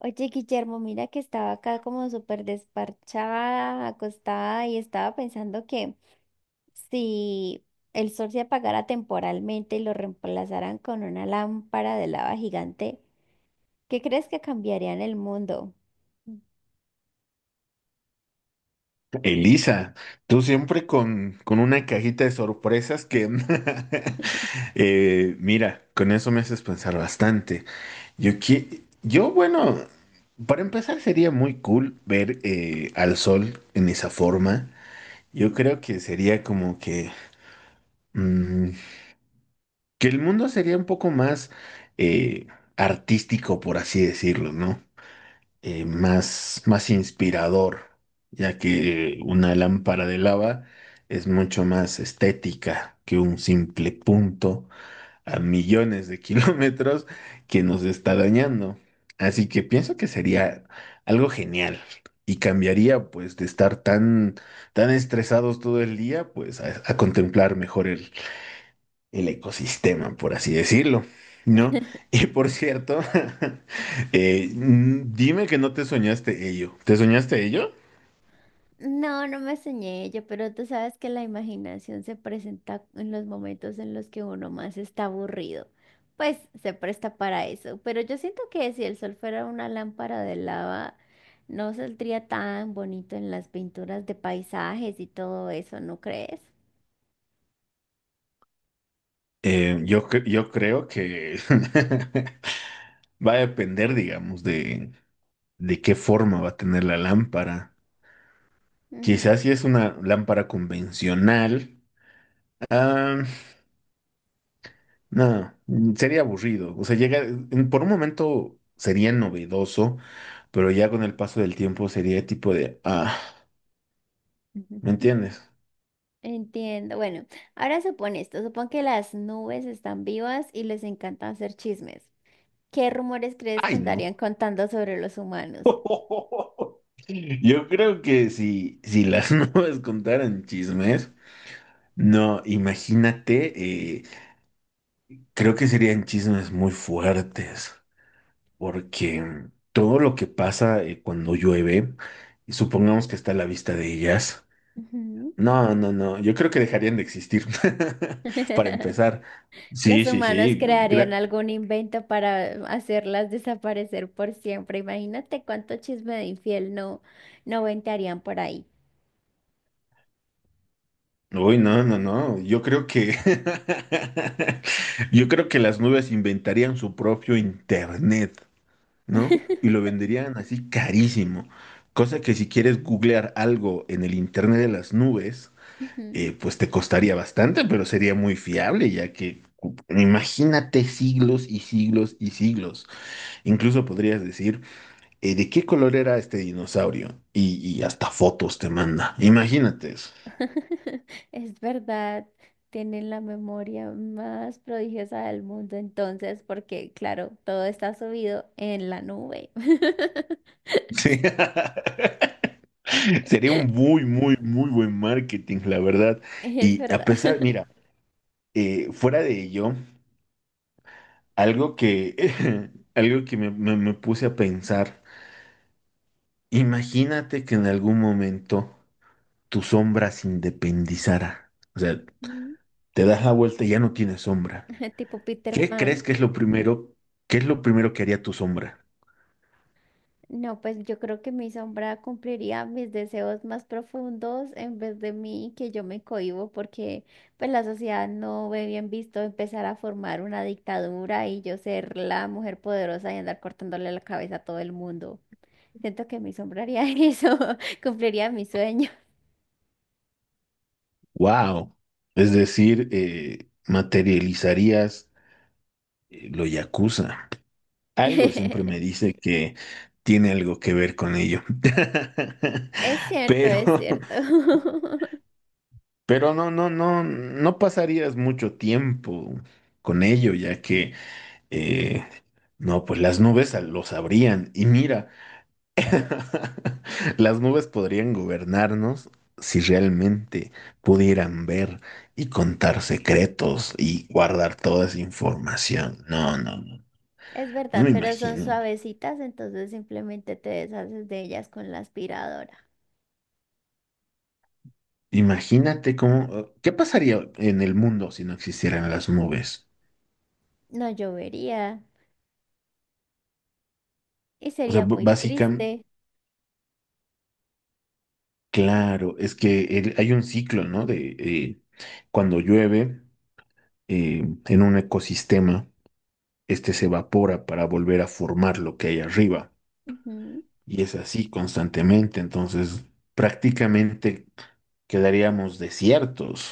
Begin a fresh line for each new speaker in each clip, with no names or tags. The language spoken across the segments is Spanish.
Oye, Guillermo, mira que estaba acá como súper desparchada, acostada y estaba pensando que si el sol se apagara temporalmente y lo reemplazaran con una lámpara de lava gigante, ¿qué crees que cambiaría en el mundo?
Elisa, tú siempre con una cajita de sorpresas que… mira, con eso me haces pensar bastante. Yo, bueno, para empezar sería muy cool ver al sol en esa forma. Yo creo que sería como que… mm, que el mundo sería un poco más eh, artístico, por así decirlo, ¿no? Más inspirador, ya que una lámpara de lava es mucho más estética que un simple punto a millones de kilómetros que nos está dañando. Así que pienso que sería algo genial y cambiaría pues de estar tan estresados todo el día pues a contemplar mejor el ecosistema, por así decirlo, ¿no? Y por cierto, dime que no te soñaste ello. ¿Te soñaste ello?
No, no me soñé ello, pero tú sabes que la imaginación se presenta en los momentos en los que uno más está aburrido. Pues se presta para eso. Pero yo siento que si el sol fuera una lámpara de lava, no saldría tan bonito en las pinturas de paisajes y todo eso, ¿no crees?
Yo creo que va a depender, digamos, de qué forma va a tener la lámpara.
Mm.
Quizás si es una lámpara convencional, ah, no, sería aburrido. O sea, por un momento sería novedoso, pero ya con el paso del tiempo sería tipo de, ah, ¿me entiendes?
Entiendo. Bueno, ahora supone esto, supón que las nubes están vivas y les encanta hacer chismes. ¿Qué rumores crees que
Ay,
andarían
no.
contando sobre los humanos?
Yo creo que si las nubes contaran chismes, no, imagínate, creo que serían chismes muy fuertes, porque todo lo que pasa cuando llueve, y supongamos que está a la vista de ellas,
Ujú.
no, no, no, yo creo que dejarían de existir, para empezar.
Los
Sí, sí,
humanos
sí,
crearían
gra-
algún invento para hacerlas desaparecer por siempre. Imagínate cuánto chisme de infiel no, no ventarían por ahí.
Uy, no, no, no. Yo creo que yo creo que las nubes inventarían su propio internet, ¿no? Y lo venderían así carísimo. Cosa que si quieres googlear algo en el internet de las nubes,
Ujú.
pues te costaría bastante, pero sería muy fiable, ya que cu- imagínate siglos y siglos y siglos. Incluso podrías decir, ¿de qué color era este dinosaurio? Y hasta fotos te manda. Imagínate eso.
Es verdad, tienen la memoria más prodigiosa del mundo entonces, porque claro, todo está subido en la nube.
Sí. Sería un muy, muy, muy buen marketing, la verdad.
Es
Y
verdad.
a pesar, mira, fuera de ello, algo que, algo que me puse a pensar, imagínate que en algún momento tu sombra se independizara. O sea,
Mm.
te das la vuelta y ya no tienes sombra.
Tipo Peter
¿Qué
Pan.
crees que es lo primero? ¿Qué es lo primero que haría tu sombra?
No, pues yo creo que mi sombra cumpliría mis deseos más profundos en vez de mí, que yo me cohíbo, porque pues la sociedad no ve bien visto empezar a formar una dictadura y yo ser la mujer poderosa y andar cortándole la cabeza a todo el mundo. Siento que mi sombra haría eso, cumpliría mi sueño.
¡Wow! Es decir, materializarías lo yakuza. Algo siempre me dice que tiene algo que ver con ello.
Es cierto,
Pero,
es cierto.
pero no, no, no, no pasarías mucho tiempo con ello, ya que eh, no, pues las nubes a- lo sabrían. Y mira, las nubes podrían gobernarnos si realmente pudieran ver y contar secretos y guardar toda esa información. No, no, no.
Es
No
verdad,
me
pero son
imagino.
suavecitas, entonces simplemente te deshaces de ellas con la aspiradora.
Imagínate cómo, ¿qué pasaría en el mundo si no existieran las nubes?
No llovería. Y
O sea,
sería
b-
muy
básicamente,
triste.
claro, es que el- hay un ciclo, ¿no? De cuando llueve en un ecosistema, este se evapora para volver a formar lo que hay arriba.
Ujú.
Y es así constantemente. Entonces, prácticamente quedaríamos desiertos.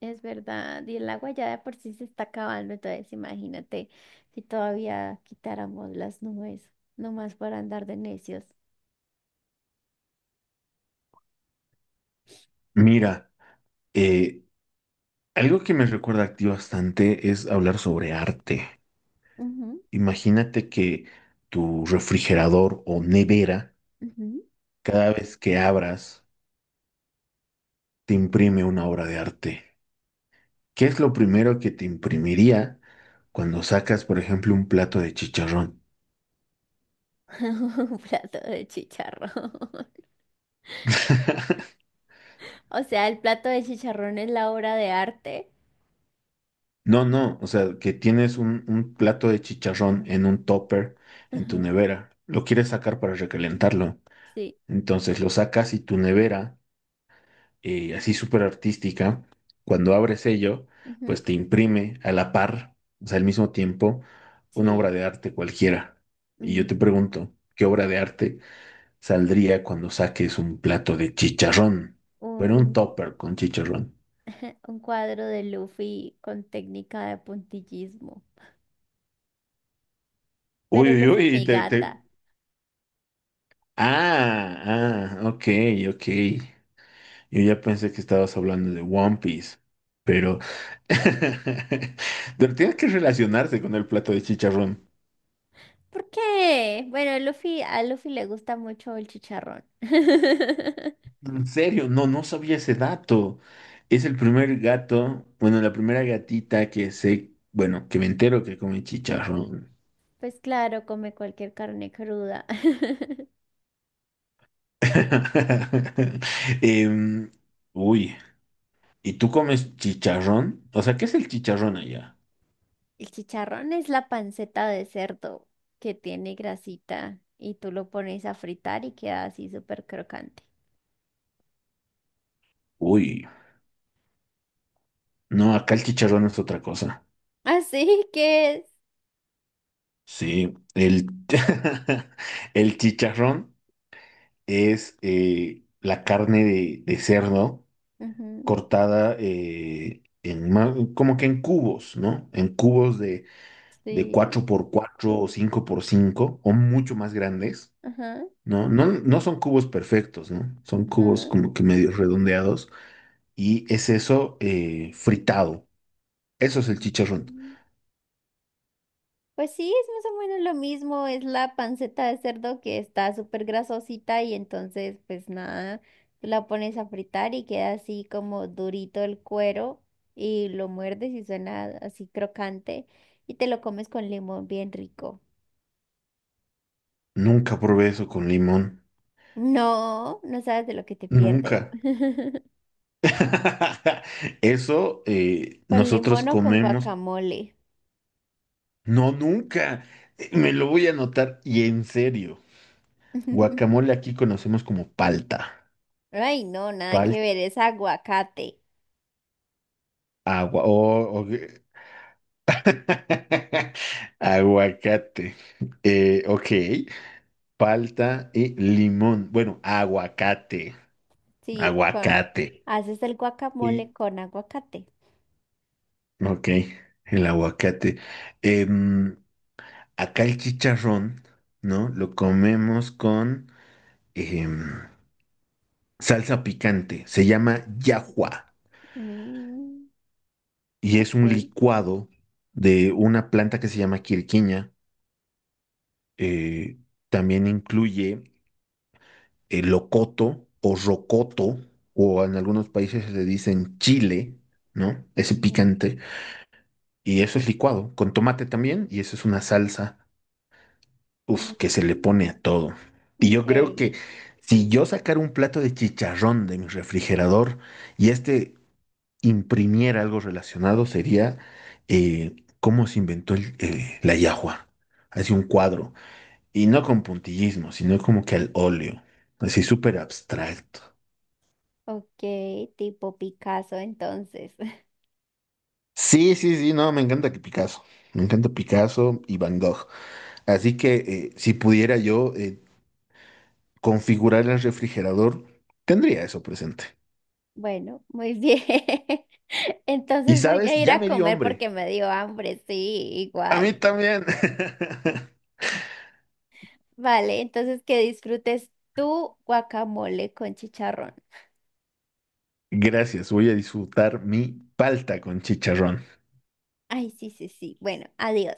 Es verdad. Y el agua ya de por sí se está acabando. Entonces, imagínate si todavía quitáramos las nubes, nomás para andar de necios.
Mira, eh, algo que me recuerda a ti bastante es hablar sobre arte.
Ujú,
Imagínate que tu refrigerador o nevera,
ujú.
cada vez que abras, te imprime una obra de arte. ¿Qué es lo primero que te imprimiría cuando sacas, por ejemplo, un plato de chicharrón?
Un plato de chicharrón. O sea, el plato de chicharrón es la obra de arte.
No, no, o sea, que tienes un plato de chicharrón en un topper en tu
Ujú.
nevera. Lo quieres sacar para recalentarlo.
Sí.
Entonces lo sacas y tu nevera así súper artística, cuando abres ello,
Ujú.
pues te imprime a la par, o sea, al mismo tiempo, una obra
Sí.
de arte cualquiera. Y yo
Mm.
te pregunto, ¿qué obra de arte saldría cuando saques un plato de chicharrón? Bueno, un
Un,
topper con chicharrón.
un cuadro de Luffy con técnica de puntillismo. Pero
Uy, uy,
Luffy,
uy,
mi gata.
Ok, ok. Yo ya pensé que estabas hablando de One Piece, pero… pero tienes que relacionarse con el plato de chicharrón.
¿Por qué? Bueno, Luffy, a Luffy le gusta mucho el chicharrón.
En serio, no, no sabía ese dato. Es el primer gato, bueno, la primera gatita que sé, bueno, que me entero que come chicharrón.
Pues claro, come cualquier carne cruda.
Em, uy, ¿y tú comes chicharrón? O sea, ¿qué es el chicharrón allá?
El chicharrón es la panceta de cerdo que tiene grasita y tú lo pones a fritar y queda así súper crocante.
Uy, no, acá el chicharrón es otra cosa.
Así que es.
Sí, el, el chicharrón es la carne de cerdo
Ujú.
cortada como que en cubos, ¿no? En cubos de cuatro
Sí.
por cuatro o cinco por cinco o mucho más grandes,
Ajá,
¿no? No, no son cubos perfectos, ¿no? Son cubos
ajá.
como que medio redondeados y es eso fritado. Eso es el chicharrón.
Pues sí, es más o menos lo mismo, es la panceta de cerdo que está súper grasosita y entonces pues nada, tú la pones a fritar y queda así como durito el cuero y lo muerdes y suena así crocante y te lo comes con limón bien rico.
Nunca probé eso con limón.
No, no sabes de lo que te pierdes.
Nunca. Eso
Con limón
nosotros
o con
comemos.
guacamole.
No, nunca. Me lo voy a anotar y en serio. Guacamole aquí conocemos como palta.
Ay, no, nada que
Palta,
ver, es aguacate.
agua, o, o- aguacate. Ok, palta y limón. Bueno, aguacate,
Sí, con...
aguacate.
Haces el guacamole
Y,
con aguacate.
ok, el aguacate. Em, acá el chicharrón, ¿no? Lo comemos con em, salsa picante. Se llama yahua
Mm.
y es un
Ok.
licuado de una planta que se llama quirquiña eh, también incluye el locoto o rocoto, o en algunos países se le dicen chile, ¿no? Ese
Mm,
picante. Y eso es licuado, con tomate también, y eso es una salsa, uf, que se le
mm.
pone a todo. Y
Ok,
yo creo que si yo sacara un plato de chicharrón de mi refrigerador y este imprimiera algo relacionado, sería eh, cómo se inventó la yahua. Así un cuadro. Y no con puntillismo, sino como que al óleo, así súper abstracto.
ok, tipo Picasso entonces.
Sí, sí, sí, no, me encanta que Picasso, me encanta Picasso y Van Gogh. Así que si pudiera yo configurar el refrigerador, tendría eso presente.
Bueno, muy bien.
Y
Entonces voy a
sabes,
ir
ya
a
me dio
comer porque
hambre.
me dio hambre, sí,
A
igual.
mí también.
Vale, entonces que disfrutes tu guacamole con chicharrón.
Gracias, voy a disfrutar mi palta con chicharrón.
Ay, sí, sí, sí. Bueno, adiós.